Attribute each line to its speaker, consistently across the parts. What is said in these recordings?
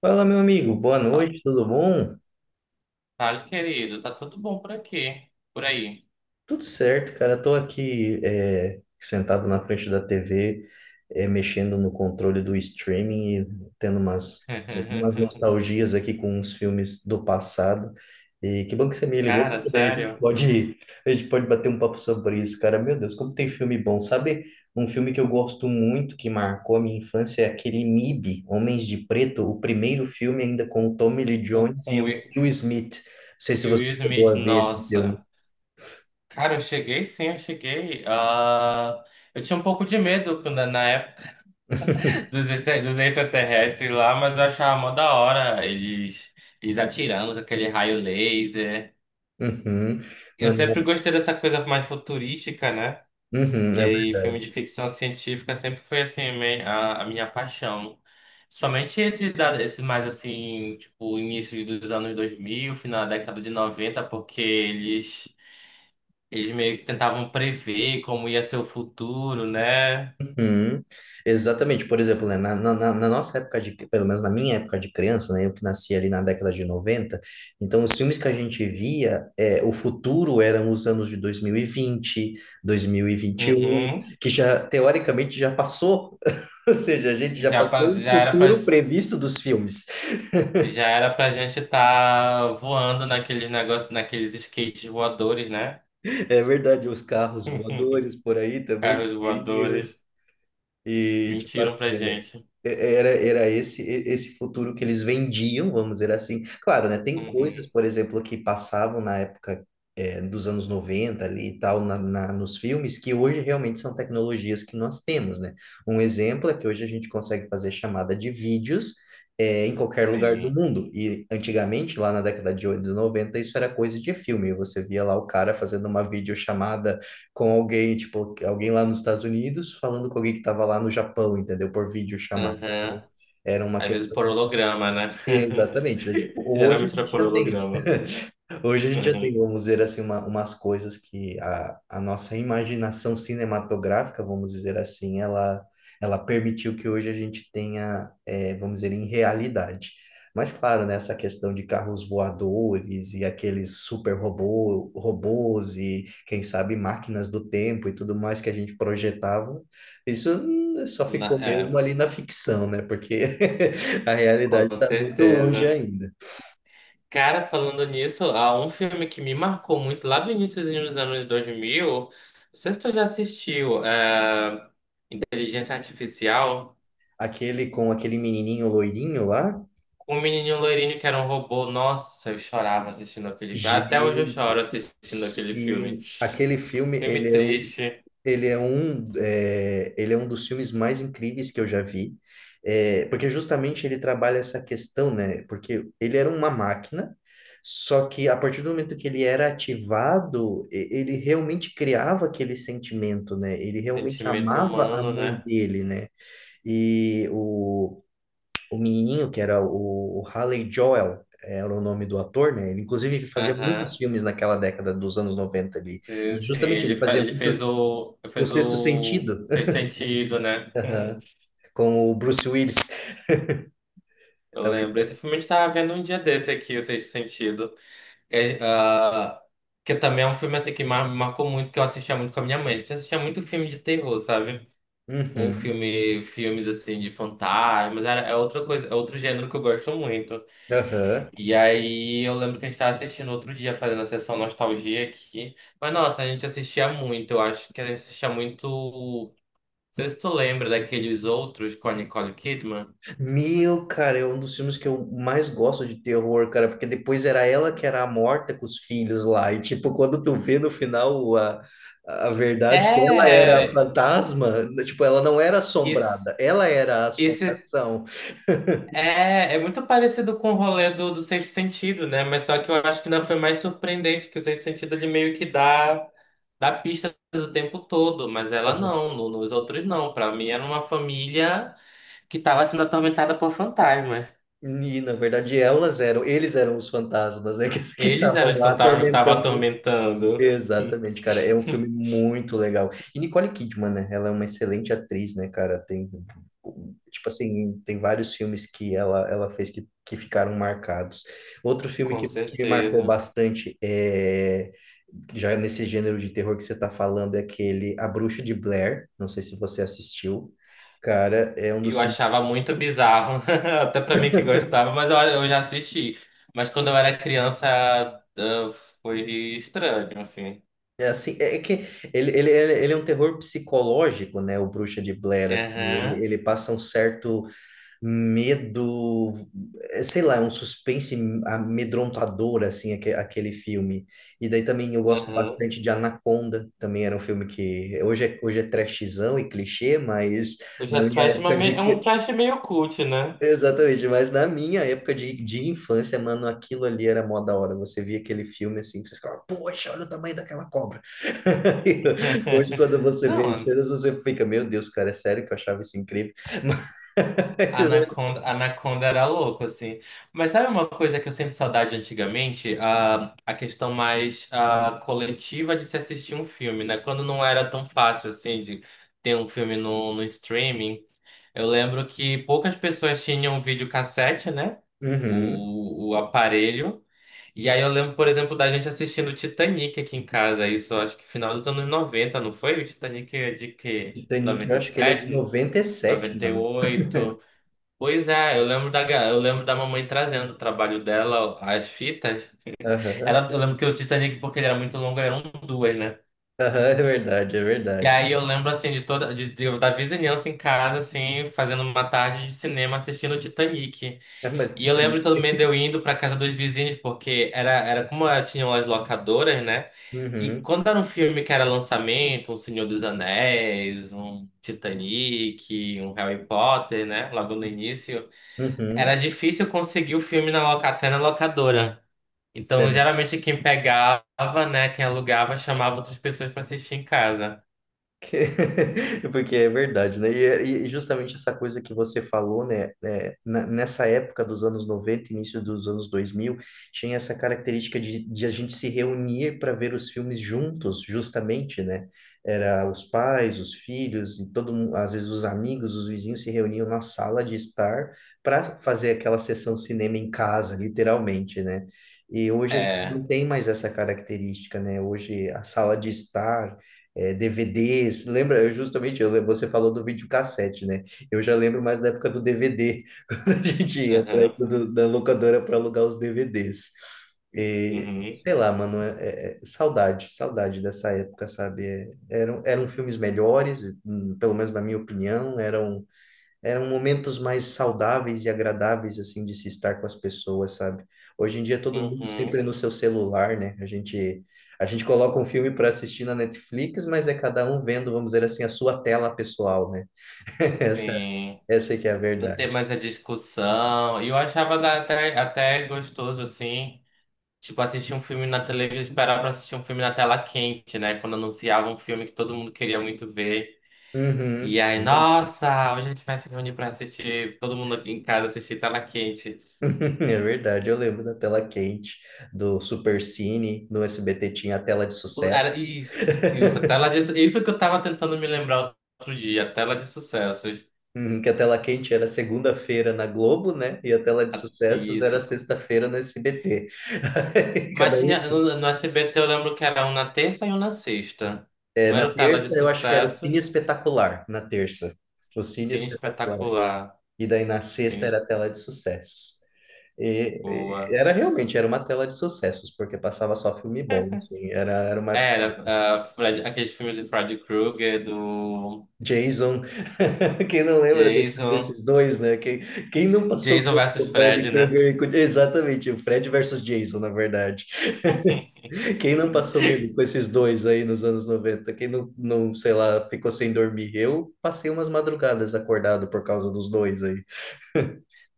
Speaker 1: Fala, meu amigo, boa
Speaker 2: Ah,
Speaker 1: noite, tudo bom?
Speaker 2: fale, querido, tá tudo bom por aqui, por aí.
Speaker 1: Tudo certo, cara. Tô aqui sentado na frente da TV, mexendo no controle do streaming e tendo umas nostalgias aqui com uns filmes do passado. E que bom que você me ligou,
Speaker 2: Cara,
Speaker 1: porque daí a gente
Speaker 2: sério,
Speaker 1: pode, a gente pode bater um papo sobre isso, cara. Meu Deus, como tem filme bom. Sabe um filme que eu gosto muito, que marcou a minha infância, é aquele MIB, Homens de Preto, o primeiro filme ainda com o Tommy Lee
Speaker 2: o,
Speaker 1: Jones
Speaker 2: com
Speaker 1: e
Speaker 2: o
Speaker 1: o
Speaker 2: Will
Speaker 1: Will Smith. Não sei se
Speaker 2: e o Will
Speaker 1: você chegou
Speaker 2: Smith,
Speaker 1: a ver esse filme.
Speaker 2: nossa. Cara, eu cheguei sim, eu cheguei. Ah, eu tinha um pouco de medo na época dos extraterrestres lá, mas eu achava mó da hora eles atirando com aquele raio laser.
Speaker 1: Uhum,
Speaker 2: Eu sempre
Speaker 1: mano.
Speaker 2: gostei dessa coisa mais futurística, né?
Speaker 1: Uhum,
Speaker 2: E
Speaker 1: é
Speaker 2: aí, filme de
Speaker 1: verdade.
Speaker 2: ficção científica sempre foi a minha paixão. Somente esses mais assim, tipo, início dos anos dois mil, final da década de noventa, porque eles meio que tentavam prever como ia ser o futuro, né?
Speaker 1: Uhum, exatamente, por exemplo, né, na nossa época de, pelo menos na minha época de criança, né, eu que nasci ali na década de 90, então os filmes que a gente via, o futuro eram os anos de 2021,
Speaker 2: Uhum.
Speaker 1: que já, teoricamente, já passou. Ou seja, a gente já
Speaker 2: Já,
Speaker 1: passou o futuro previsto dos filmes.
Speaker 2: já era pra gente estar voando naqueles negócios, naqueles skates voadores, né?
Speaker 1: É verdade, os carros voadores por aí também.
Speaker 2: Carros voadores.
Speaker 1: E, tipo
Speaker 2: Mentiram
Speaker 1: assim,
Speaker 2: pra gente.
Speaker 1: era esse, esse futuro que eles vendiam, vamos dizer assim. Claro, né? Tem coisas,
Speaker 2: Uhum.
Speaker 1: por exemplo, que passavam na época, dos anos 90 ali e tal, nos filmes, que hoje realmente são tecnologias que nós temos, né? Um exemplo é que hoje a gente consegue fazer chamada de vídeos, em qualquer lugar do
Speaker 2: Sim.
Speaker 1: mundo. E antigamente, lá na década de 80 e 90, isso era coisa de filme. Você via lá o cara fazendo uma videochamada com alguém, tipo, alguém lá nos Estados Unidos falando com alguém que estava lá no Japão, entendeu? Por vídeo chamado.
Speaker 2: Aham.
Speaker 1: Era uma
Speaker 2: Às vezes
Speaker 1: questão.
Speaker 2: por holograma, né?
Speaker 1: Exatamente, né? Tipo, hoje a
Speaker 2: Geralmente era
Speaker 1: gente
Speaker 2: por
Speaker 1: já tem, né?
Speaker 2: holograma.
Speaker 1: Hoje a gente já tem,
Speaker 2: Uhum.
Speaker 1: vamos dizer assim, uma, umas coisas que a nossa imaginação cinematográfica, vamos dizer assim, ela permitiu que hoje a gente tenha, vamos dizer, em realidade. Mas claro, né, essa questão de carros voadores e aqueles super robô, robôs e, quem sabe, máquinas do tempo e tudo mais que a gente projetava, isso só ficou
Speaker 2: Na-
Speaker 1: mesmo
Speaker 2: é,
Speaker 1: ali na ficção, né? Porque a
Speaker 2: com
Speaker 1: realidade está muito longe
Speaker 2: certeza.
Speaker 1: ainda.
Speaker 2: Cara, falando nisso, há um filme que me marcou muito lá do iníciozinho dos anos 2000. Não sei se tu já assistiu, é, Inteligência Artificial,
Speaker 1: Aquele com aquele menininho loirinho lá?
Speaker 2: com um menininho loirinho que era um robô. Nossa, eu chorava assistindo aquele filme. Até hoje eu
Speaker 1: Gente,
Speaker 2: choro assistindo aquele filme.
Speaker 1: sim. Aquele filme,
Speaker 2: Filme triste,
Speaker 1: ele é um dos filmes mais incríveis que eu já vi. É, porque justamente ele trabalha essa questão, né? Porque ele era uma máquina, só que a partir do momento que ele era ativado, ele realmente criava aquele sentimento, né? Ele realmente
Speaker 2: sentimento
Speaker 1: amava a
Speaker 2: humano,
Speaker 1: mãe
Speaker 2: né?
Speaker 1: dele, né? E o menininho, que era o Haley Joel, era o nome do ator, né? Ele, inclusive, ele fazia muitos
Speaker 2: Aham.
Speaker 1: filmes naquela década dos anos 90 ali.
Speaker 2: Sim,
Speaker 1: E
Speaker 2: sim,
Speaker 1: justamente ele
Speaker 2: ele, fa-
Speaker 1: fazia
Speaker 2: ele
Speaker 1: muito
Speaker 2: fez o. Ele
Speaker 1: O
Speaker 2: fez
Speaker 1: Sexto
Speaker 2: o
Speaker 1: Sentido.
Speaker 2: Sexto Sentido, né?
Speaker 1: Aham, com o Bruce Willis.
Speaker 2: Eu lembro.
Speaker 1: Talvez.
Speaker 2: Esse filme a gente tava vendo um dia desse aqui, o Sexto Sentido. É, ah, que também é um filme assim que me marcou muito, que eu assistia muito com a minha mãe. A gente assistia muito filme de terror, sabe? Ou
Speaker 1: Uhum,
Speaker 2: filmes assim de fantasmas. Era, é outra coisa, é outro gênero que eu gosto muito.
Speaker 1: aham.
Speaker 2: E aí eu lembro que a gente tava assistindo outro dia, fazendo a sessão nostalgia aqui. Mas nossa, a gente assistia muito, eu acho que a gente assistia muito. Não sei se tu lembra daqueles outros com a Nicole Kidman.
Speaker 1: Meu, cara, é um dos filmes que eu mais gosto de terror, cara, porque depois era ela que era a morta com os filhos lá. E, tipo, quando tu vê no final a verdade que ela era a
Speaker 2: É.
Speaker 1: fantasma, tipo, ela não era
Speaker 2: isso
Speaker 1: assombrada, ela era a
Speaker 2: esse
Speaker 1: assombração.
Speaker 2: é, é muito parecido com o rolê do Sexto Sentido, né? Mas só que eu acho que ainda foi mais surpreendente, que o Sexto Sentido ele meio que dá, dá pista o tempo todo, mas ela não, nos outros não. Pra mim era uma família que tava sendo atormentada por fantasmas.
Speaker 1: E, na verdade, eles eram os fantasmas, né, que que
Speaker 2: Eles
Speaker 1: estavam
Speaker 2: eram os
Speaker 1: lá
Speaker 2: fantasmas que estavam
Speaker 1: atormentando.
Speaker 2: atormentando.
Speaker 1: Exatamente, cara, é um filme muito legal. E Nicole Kidman, né, ela é uma excelente atriz, né, cara, tem, tipo assim, tem vários filmes que ela fez, que ficaram marcados. Outro filme
Speaker 2: Com
Speaker 1: que me marcou
Speaker 2: certeza.
Speaker 1: bastante, já nesse gênero de terror que você tá falando, é aquele A Bruxa de Blair, não sei se você assistiu. Cara, é um
Speaker 2: Eu
Speaker 1: dos filmes.
Speaker 2: achava muito bizarro, até pra mim que gostava, mas eu já assisti. Mas quando eu era criança, ah, foi estranho, assim.
Speaker 1: É, assim, é que ele é um terror psicológico, né? O Bruxa de Blair, assim,
Speaker 2: Aham,
Speaker 1: ele passa um certo medo. Sei lá, é um suspense amedrontador, assim, aquele filme. E daí também eu gosto
Speaker 2: aham.
Speaker 1: bastante de Anaconda, também era um filme que hoje é trashzão e clichê, mas
Speaker 2: o já
Speaker 1: na minha
Speaker 2: trash,
Speaker 1: época
Speaker 2: mas é
Speaker 1: de.
Speaker 2: um trash meio cult, né?
Speaker 1: Exatamente, mas na minha época de infância, mano, aquilo ali era mó da hora. Você via aquele filme assim, você ficava, poxa, olha o tamanho daquela cobra. Hoje, quando você vê as
Speaker 2: Não,
Speaker 1: cenas, você fica, meu Deus, cara, é sério que eu achava isso incrível. Mas.
Speaker 2: Anaconda, Anaconda era louco, assim. Mas sabe uma coisa que eu sinto saudade antigamente? A questão mais coletiva de se assistir um filme, né? Quando não era tão fácil, assim, de ter um filme no streaming. Eu lembro que poucas pessoas tinham videocassete, né?
Speaker 1: Uhum.
Speaker 2: O aparelho. E aí eu lembro, por exemplo, da gente assistindo Titanic aqui em casa. Isso, acho que final dos anos 90, não foi? O Titanic é de que?
Speaker 1: Titanic, eu
Speaker 2: Noventa, noventa e
Speaker 1: acho que ele é de
Speaker 2: sete,
Speaker 1: 97,
Speaker 2: noventa e
Speaker 1: mano.
Speaker 2: oito. Pois é, eu lembro da, eu lembro da mamãe trazendo o trabalho dela, as fitas.
Speaker 1: Aham.
Speaker 2: Era, eu lembro que o Titanic, porque ele era muito longo, eram duas, né?
Speaker 1: Aham, é verdade, é
Speaker 2: E
Speaker 1: verdade.
Speaker 2: aí eu lembro, assim, de toda, da vizinhança em casa, assim, fazendo uma tarde de cinema assistindo o Titanic.
Speaker 1: É, mas
Speaker 2: E eu
Speaker 1: Titanic.
Speaker 2: lembro também de eu indo pra casa dos vizinhos, porque era como era, tinham as locadoras, né? E
Speaker 1: Uhum,
Speaker 2: quando era um filme que era lançamento, um Senhor dos Anéis, um Titanic, um Harry Potter, né? Logo no início. Era
Speaker 1: uhum.
Speaker 2: difícil conseguir o filme na até na locadora. Então,
Speaker 1: É.
Speaker 2: geralmente, quem pegava, né, quem alugava, chamava outras pessoas para assistir em casa.
Speaker 1: Porque é verdade, né? E, e justamente essa coisa que você falou, né? Nessa época dos anos 90, início dos anos 2000, tinha essa característica de a gente se reunir para ver os filmes juntos, justamente, né? Era os pais, os filhos, e todo mundo, às vezes os amigos, os vizinhos se reuniam na sala de estar para fazer aquela sessão cinema em casa, literalmente, né? E hoje a gente
Speaker 2: É.
Speaker 1: não tem mais essa característica, né? Hoje a sala de estar DVDs, lembra? Eu Justamente, eu, lem- você falou do videocassete, né? Eu já lembro mais da época do DVD, quando a gente ia atrás
Speaker 2: Uhum,
Speaker 1: da locadora para alugar os DVDs. E,
Speaker 2: uhum,
Speaker 1: sei lá, mano, é saudade, saudade dessa época, sabe? É, eram filmes melhores, pelo menos na minha opinião, eram momentos mais saudáveis e agradáveis, assim, de se estar com as pessoas, sabe? Hoje em dia todo mundo sempre
Speaker 2: uhum,
Speaker 1: no seu celular, né? A gente coloca um filme para assistir na Netflix, mas é cada um vendo, vamos dizer assim, a sua tela pessoal, né? Essa,
Speaker 2: sim.
Speaker 1: essa é que é a
Speaker 2: Não ter
Speaker 1: verdade.
Speaker 2: mais a discussão. E eu achava até gostoso, assim, tipo, assistir um filme na televisão, esperar para assistir um filme na tela quente, né? Quando anunciava um filme que todo mundo queria muito ver.
Speaker 1: Uhum.
Speaker 2: E aí, nossa, hoje a gente vai se reunir para assistir, todo mundo em casa assistir tela quente.
Speaker 1: É verdade, eu lembro da tela quente, do Supercine, no SBT tinha a tela de
Speaker 2: Era
Speaker 1: sucessos.
Speaker 2: isso, isso, isso que eu tava tentando me lembrar outro dia, a tela de sucessos.
Speaker 1: Uhum, que a tela quente era segunda-feira na Globo, né? E a tela de sucessos era
Speaker 2: Isso.
Speaker 1: sexta-feira no SBT. Aí,
Speaker 2: Mas
Speaker 1: cada um.
Speaker 2: tinha, no SBT eu lembro que era um na terça e um na sexta.
Speaker 1: É,
Speaker 2: Um era
Speaker 1: na
Speaker 2: o tela de
Speaker 1: terça eu acho que era o Cine
Speaker 2: sucessos,
Speaker 1: Espetacular, na terça. O Cine
Speaker 2: Cine
Speaker 1: Espetacular.
Speaker 2: Espetacular,
Speaker 1: E daí na
Speaker 2: Cine
Speaker 1: sexta
Speaker 2: Esp-
Speaker 1: era a tela de sucessos. E, e
Speaker 2: Boa.
Speaker 1: era realmente, era uma tela de sucessos, porque passava só filme bom, assim, era uma época.
Speaker 2: Era Fred, aqueles filmes de Freddy Krueger, do
Speaker 1: Jason, quem não lembra desses,
Speaker 2: Jason,
Speaker 1: desses dois, né? Quem não passou
Speaker 2: Jason
Speaker 1: medo com
Speaker 2: versus
Speaker 1: o Fred
Speaker 2: Fred, né?
Speaker 1: Krueger? Exatamente, o Fred versus Jason, na verdade. Quem não passou medo com esses dois aí nos anos 90? Quem não, sei lá, ficou sem dormir? Eu passei umas madrugadas acordado por causa dos dois aí.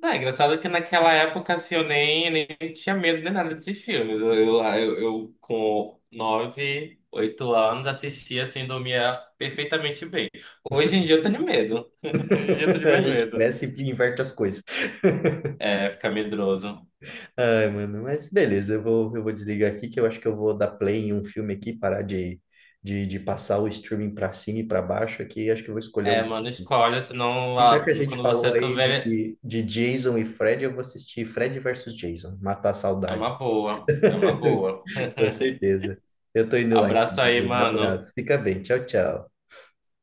Speaker 2: Não, é engraçado que naquela época, assim, eu nem tinha medo de nada desses filmes. Eu, com nove, oito anos, assistia, assim, dormia perfeitamente bem. Hoje em dia eu tenho medo. Hoje em dia eu tenho
Speaker 1: A
Speaker 2: mais
Speaker 1: gente
Speaker 2: medo.
Speaker 1: cresce e inverte as coisas.
Speaker 2: É, fica medroso.
Speaker 1: Ai, mano, mas beleza, eu vou desligar aqui que eu acho que eu vou dar play em um filme aqui, parar de passar o streaming pra cima e pra baixo aqui. Acho que eu vou escolher
Speaker 2: É,
Speaker 1: alguma
Speaker 2: mano,
Speaker 1: coisa.
Speaker 2: escolha, senão
Speaker 1: E já
Speaker 2: lá,
Speaker 1: que a gente
Speaker 2: quando
Speaker 1: falou
Speaker 2: você
Speaker 1: aí
Speaker 2: tiver...
Speaker 1: de Jason e Fred, eu vou assistir Fred versus Jason, Matar a
Speaker 2: É uma
Speaker 1: Saudade.
Speaker 2: boa, é uma boa.
Speaker 1: Com certeza. Eu tô indo lá, então.
Speaker 2: Abraço aí,
Speaker 1: Um
Speaker 2: mano.
Speaker 1: abraço. Fica bem. Tchau, tchau.